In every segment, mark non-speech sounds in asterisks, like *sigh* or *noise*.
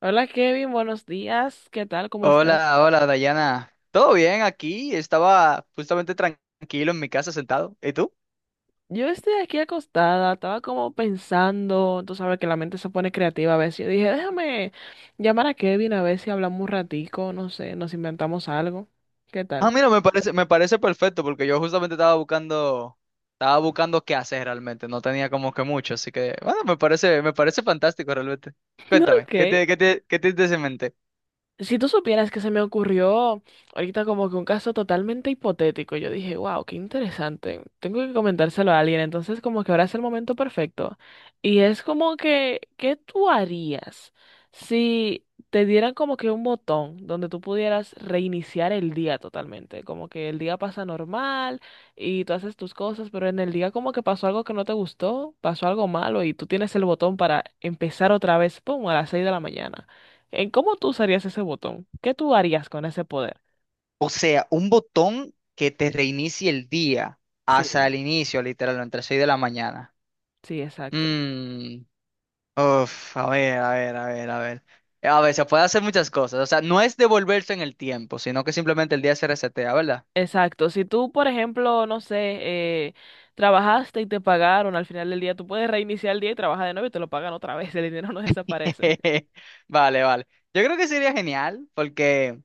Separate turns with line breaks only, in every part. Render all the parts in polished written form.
Hola Kevin, buenos días. ¿Qué tal? ¿Cómo estás?
Hola, hola Dayana. ¿Todo bien aquí? Estaba justamente tranquilo en mi casa sentado. ¿Y tú?
Yo estoy aquí acostada, estaba como pensando, tú sabes que la mente se pone creativa a veces. Yo dije, déjame llamar a Kevin a ver si hablamos un ratico, no sé, nos inventamos algo. ¿Qué
Ah,
tal?
mira, me parece perfecto porque yo justamente estaba buscando qué hacer realmente. No tenía como que mucho, así que bueno, me parece fantástico realmente. Cuéntame,
Ok,
qué tienes en mente?
si tú supieras que se me ocurrió ahorita como que un caso totalmente hipotético, yo dije, wow, qué interesante, tengo que comentárselo a alguien, entonces como que ahora es el momento perfecto. Y es como que, ¿qué tú harías si te dieran como que un botón donde tú pudieras reiniciar el día totalmente? Como que el día pasa normal y tú haces tus cosas, pero en el día como que pasó algo que no te gustó, pasó algo malo y tú tienes el botón para empezar otra vez, pum, a las 6 de la mañana. ¿En cómo tú usarías ese botón? ¿Qué tú harías con ese poder?
O sea, un botón que te reinicie el día hasta
Sí.
el inicio, literalmente, entre 6 de la mañana.
Sí, exacto.
Mmm. Uf, a ver, a ver, a ver, a ver. A ver, se puede hacer muchas cosas. O sea, no es devolverse en el tiempo, sino que simplemente el día se resetea, ¿verdad?
Exacto. Si tú, por ejemplo, no sé, eh, trabajaste y te pagaron al final del día, tú puedes reiniciar el día y trabajar de nuevo y te lo pagan otra vez. *laughs* El dinero no desaparece.
*laughs* Vale, vale. Yo creo que sería genial, porque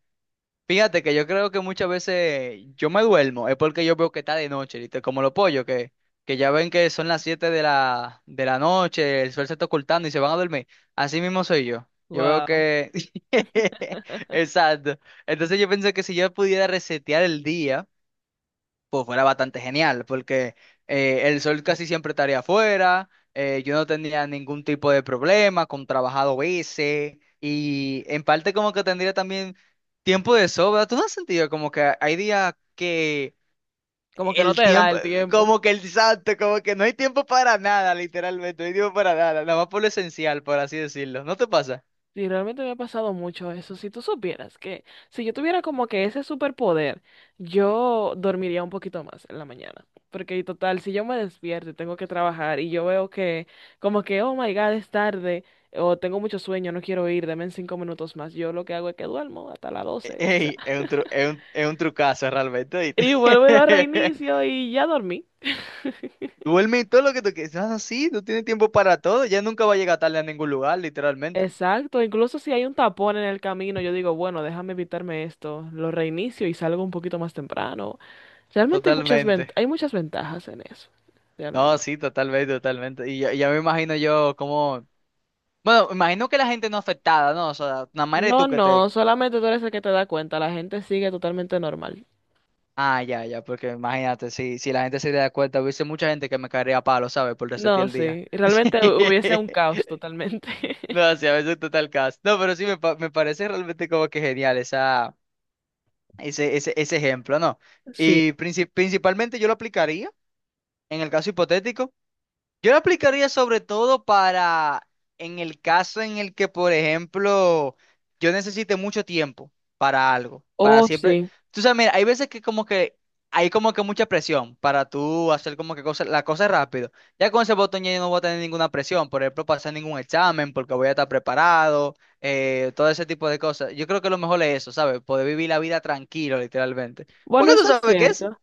fíjate que yo creo que muchas veces yo me duermo, es porque yo veo que está de noche, ¿viste? Como los pollos, que ya ven que son las 7 de la noche, el sol se está ocultando y se van a dormir. Así mismo soy yo. Yo veo
Wow.
que. *laughs* Exacto. Entonces yo pienso que si yo pudiera resetear el día pues fuera bastante genial, porque el sol casi siempre estaría afuera, yo no tendría ningún tipo de problema con trabajado ese, y en parte como que tendría también tiempo de sobra. ¿Tú no has sentido como que hay días que
Como que no
el
te da
tiempo,
el tiempo.
como que el santo, como que no hay tiempo para nada, literalmente, no hay tiempo para nada, nada más por lo esencial, por así decirlo, ¿no te pasa?
Sí, realmente me ha pasado mucho eso. Si tú supieras que si yo tuviera como que ese superpoder, yo dormiría un poquito más en la mañana. Porque y total, si yo me despierto y tengo que trabajar y yo veo que como que, oh my God, es tarde o tengo mucho sueño, no quiero ir, denme 5 minutos más. Yo lo que hago es que duermo hasta las 12 quizás.
Ey, es
*laughs*
un tru- es un, es un trucazo realmente, ¿oíste?
Y vuelvo y lo
*laughs*
reinicio y ya dormí.
Duerme y todo lo que tú quieras. Ah, sí, tú tienes tiempo para todo. Ya nunca va a llegar tarde a ningún lugar, literalmente.
Exacto, incluso si hay un tapón en el camino, yo digo, bueno, déjame evitarme esto, lo reinicio y salgo un poquito más temprano. Realmente hay
Totalmente.
hay muchas ventajas en eso, realmente.
No, sí, totalmente, totalmente. Y ya, ya me imagino yo como. Bueno, imagino que la gente no afectada, ¿no? O sea, nada más eres
No,
tú que te.
no, solamente tú eres el que te da cuenta, la gente sigue totalmente normal.
Ah, ya, ya, porque imagínate, si la gente se da cuenta, hubiese mucha gente que me caería a palo, ¿sabes? Por resetear
No,
el día.
sí, realmente hubiese un
*laughs*
caos totalmente.
No,
*laughs*
sí, a veces total caso. No, pero sí, me parece realmente como que genial ese ejemplo, ¿no?
Sí,
Y principalmente yo lo aplicaría. En el caso hipotético, yo lo aplicaría sobre todo para en el caso en el que, por ejemplo, yo necesite mucho tiempo para algo, para
oh,
siempre.
sí.
Tú sabes, mira, hay veces que como que hay como que mucha presión para tú hacer como que cosas, la cosa rápido. Ya con ese botón ya yo no voy a tener ninguna presión, por ejemplo, pasar ningún examen porque voy a estar preparado, todo ese tipo de cosas. Yo creo que lo mejor es eso, ¿sabes? Poder vivir la vida tranquilo, literalmente.
Bueno,
Porque tú
eso es
sabes qué es.
cierto.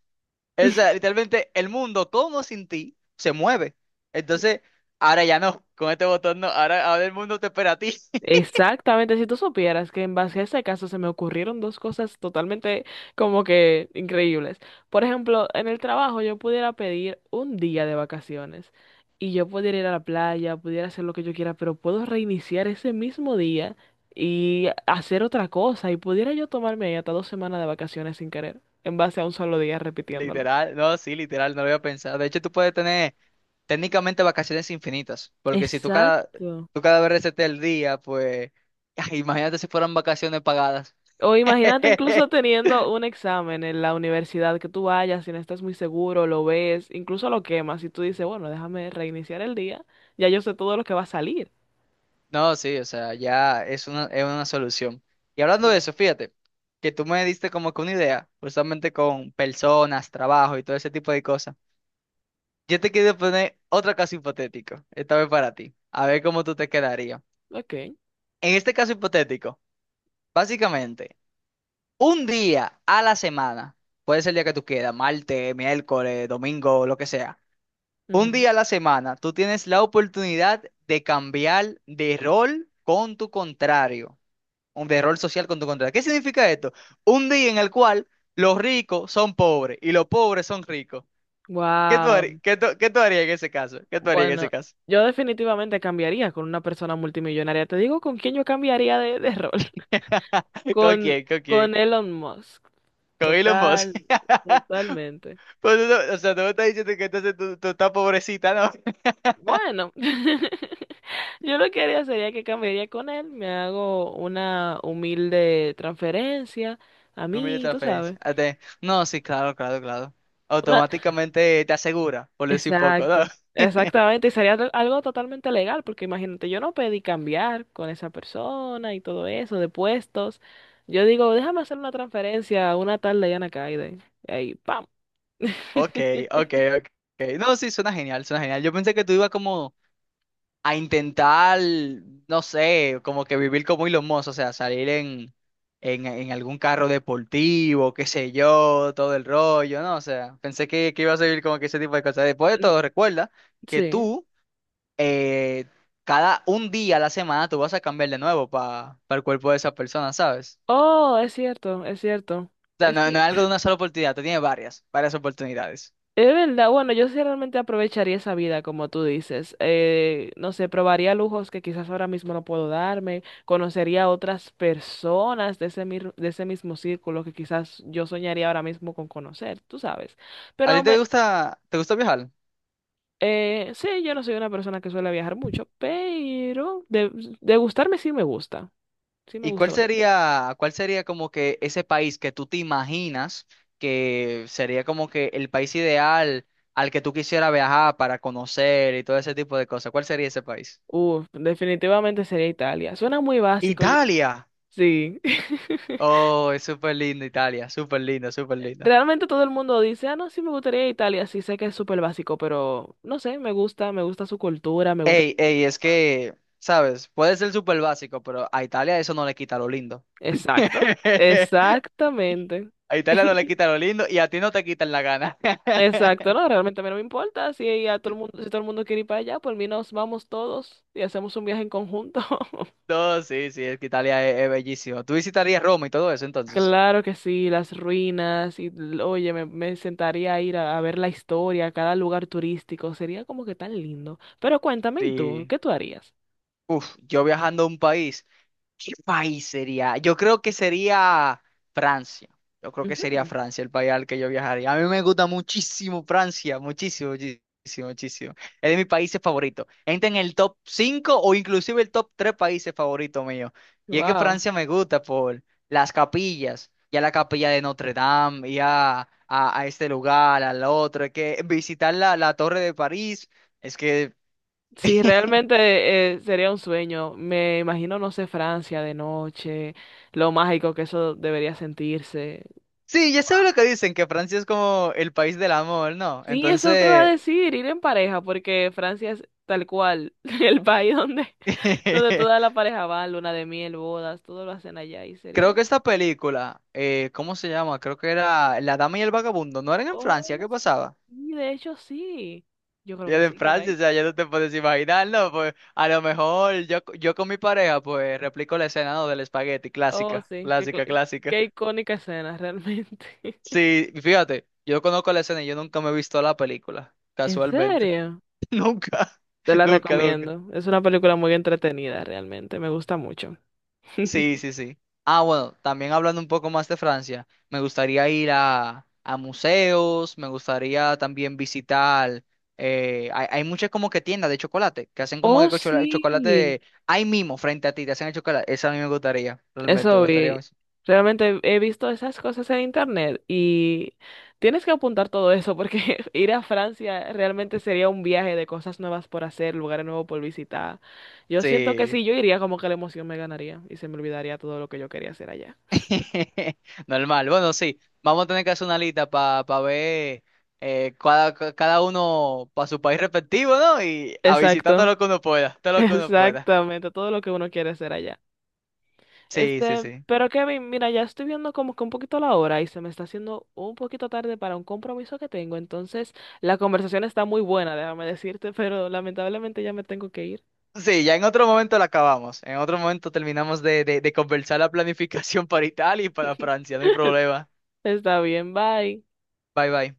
O
*laughs*
sea, literalmente el mundo todo sin ti se mueve. Entonces, ahora ya no, con este botón no, ahora el mundo te espera a ti. *laughs*
Exactamente, si tú supieras que en base a ese caso se me ocurrieron dos cosas totalmente como que increíbles. Por ejemplo, en el trabajo yo pudiera pedir un día de vacaciones y yo pudiera ir a la playa, pudiera hacer lo que yo quiera, pero puedo reiniciar ese mismo día y hacer otra cosa y pudiera yo tomarme ahí hasta 2 semanas de vacaciones sin querer, en base a un solo día repitiéndolo.
Literal, no, sí, literal, no lo había pensado. De hecho, tú puedes tener técnicamente vacaciones infinitas, porque si tú cada,
Exacto.
tú cada vez reseteas el día, pues, *laughs* imagínate si fueran vacaciones pagadas.
O
*laughs*
imagínate incluso teniendo un examen en la universidad que tú vayas, si no estás muy seguro, lo ves, incluso lo quemas y tú dices, bueno, déjame reiniciar el día, ya yo sé todo lo que va a salir.
No, sí, o sea, ya es una solución. Y hablando de
Sí.
eso, fíjate, que tú me diste como que una idea, justamente con personas, trabajo y todo ese tipo de cosas. Yo te quiero poner otro caso hipotético, esta vez para ti, a ver cómo tú te quedarías.
Ok.
En este caso hipotético, básicamente, un día a la semana, puede ser el día que tú quieras, martes, miércoles, domingo, lo que sea. Un día a la semana, tú tienes la oportunidad de cambiar de rol con tu contrario, un de rol social con tu contrario. ¿Qué significa esto? Un día en el cual los ricos son pobres y los pobres son ricos. ¿Qué tú
Wow.
harías, qué tú harías en ese caso? ¿Qué tú harías en ese
Bueno,
caso?
yo definitivamente cambiaría con una persona multimillonaria. Te digo con quién yo cambiaría de rol. *laughs*
*laughs* ¿Con
Con,
quién? ¿Con
con
quién?
Elon Musk.
Con Elon Musk.
Total,
*laughs*
totalmente.
Pues eso, o sea, tú me estás diciendo que entonces tú estás pobrecita, ¿no? *laughs*
Bueno. *laughs* Yo lo que haría sería que cambiaría con él, me hago una humilde transferencia a
Número de
mí, tú
transferencia.
sabes.
Ah, no, sí, claro, claro, claro.
Una...
Automáticamente te asegura, por decir poco, ¿no?
Exacto,
*laughs*
exactamente, y sería algo totalmente legal, porque imagínate, yo no pedí cambiar con esa persona y todo eso, de puestos. Yo digo, déjame hacer una transferencia a una tal Diana Kaide. Y ahí, ¡pam!
Ok,
*laughs*
ok, ok. No, sí, suena genial, suena genial. Yo pensé que tú ibas como a intentar, no sé, como que vivir como Elon Musk, o sea, salir en algún carro deportivo, qué sé yo, todo el rollo, ¿no? O sea, pensé que iba a vivir como que ese tipo de cosas. Después de
Mm.
todo, recuerda que
Sí.
tú, eh, cada un día a la semana, tú vas a cambiar de nuevo para el cuerpo de esa persona, ¿sabes?
Oh, es cierto, es cierto.
O sea,
Es
no, no
cier-
es algo de una sola oportunidad, tú tienes varias, varias oportunidades.
Es verdad, bueno, yo sí realmente aprovecharía esa vida, como tú dices. No sé, probaría lujos que quizás ahora mismo no puedo darme, conocería a otras personas de ese, de ese mismo círculo que quizás yo soñaría ahora mismo con conocer, tú sabes.
¿A ti
Pero
te
me,
gusta, te gusta viajar?
sí, yo no soy una persona que suele viajar mucho, pero de gustarme sí me gusta. Sí me
¿Y
gusta
cuál
bastante.
sería, cuál sería como que ese país que tú te imaginas que sería como que el país ideal al que tú quisieras viajar para conocer y todo ese tipo de cosas? ¿Cuál sería ese país?
Uf, definitivamente sería Italia. Suena muy básico.
Italia.
Sí. *laughs*
Oh, es súper lindo Italia, súper lindo, súper lindo.
Realmente todo el mundo dice, ah, no, sí me gustaría Italia, sí sé que es súper básico, pero no sé, me gusta su cultura, me gusta...
Ey, ey, es que, ¿sabes? Puede ser súper básico, pero a Italia eso no le quita lo lindo.
Exacto,
*laughs*
exactamente.
A Italia no le quita
*laughs*
lo lindo y a ti no te quitan la gana.
Exacto,
*laughs*
no, realmente a mí no me importa, si a todo el mundo, si todo el mundo quiere ir para allá, por mí nos vamos todos y hacemos un viaje en conjunto. *laughs*
No, sí, sí, es que Italia es bellísimo. ¿Tú visitarías Roma y todo eso entonces?
Claro que sí, las ruinas, oye, me sentaría a ir a ver la historia, a cada lugar turístico, sería como que tan lindo. Pero cuéntame, ¿y tú?
Sí.
¿Qué tú harías?
Uf, yo viajando a un país, ¿qué país sería? Yo creo que sería Francia. Yo creo que sería Francia el país al que yo viajaría. A mí me gusta muchísimo Francia, muchísimo, muchísimo, muchísimo. Es de mis países favoritos. Entra en el top 5 o inclusive el top 3 países favoritos míos. Y es que
Wow.
Francia me gusta por las capillas, ya la capilla de Notre Dame, ya a este lugar, al otro. Es que visitar la Torre de París, es que...
Sí,
*laughs*
realmente sería un sueño. Me imagino, no sé, Francia de noche, lo mágico que eso debería sentirse.
Sí, ya sabes lo que dicen, que Francia es como el país del amor, ¿no?
Sí, eso te iba a
Entonces,
decir, ir en pareja, porque Francia es tal cual *laughs* el país donde, donde toda la
*laughs*
pareja va, luna de miel, bodas, todo lo hacen allá y sería
creo
muy...
que
bueno.
esta película, ¿cómo se llama? Creo que era La Dama y el Vagabundo, ¿no eran en Francia?
Oh,
¿Qué pasaba?
sí, de hecho sí. Yo creo
Y
que
era en
sí, que era
Francia,
ahí.
o sea, ya no te puedes imaginar, ¿no? Pues a lo mejor yo, yo con mi pareja, pues replico la escena, ¿no? Del espagueti,
Oh,
clásica,
sí, qué,
clásica, clásica.
qué icónica escena realmente. *laughs*
Sí, fíjate, yo conozco la escena y yo nunca me he visto la película,
¿En
casualmente.
serio?
*laughs* Nunca,
Te la
nunca, nunca.
recomiendo. Es una película muy entretenida, realmente. Me gusta mucho.
Sí,
*laughs*
sí, sí. Ah, bueno, también hablando un poco más de Francia, me gustaría ir a museos, me gustaría también visitar, hay muchas como que tiendas de chocolate, que hacen como
Oh,
que
sí.
chocolate ahí mismo, frente a ti, te hacen el chocolate. Eso a mí me gustaría, realmente,
Eso
me gustaría
vi.
mucho.
Realmente he visto esas cosas en internet y tienes que apuntar todo eso porque *laughs* ir a Francia realmente sería un viaje de cosas nuevas por hacer, lugares nuevos por visitar. Yo siento que
Sí,
si yo iría, como que la emoción me ganaría y se me olvidaría todo lo que yo quería hacer allá.
*laughs* normal. Bueno, sí, vamos a tener que hacer una lista para ver cada uno para su país respectivo, ¿no? Y a visitar todo
Exacto,
lo que uno pueda, todo
*laughs*
lo que uno pueda.
exactamente, todo lo que uno quiere hacer allá.
Sí, sí,
Este,
sí.
pero Kevin, mira, ya estoy viendo como que un poquito la hora y se me está haciendo un poquito tarde para un compromiso que tengo. Entonces, la conversación está muy buena, déjame decirte, *laughs* pero lamentablemente ya me tengo que ir.
Sí, ya en otro momento la acabamos. En otro momento terminamos de conversar la planificación para Italia y para Francia. No hay
*laughs*
problema.
Está bien, bye.
Bye bye.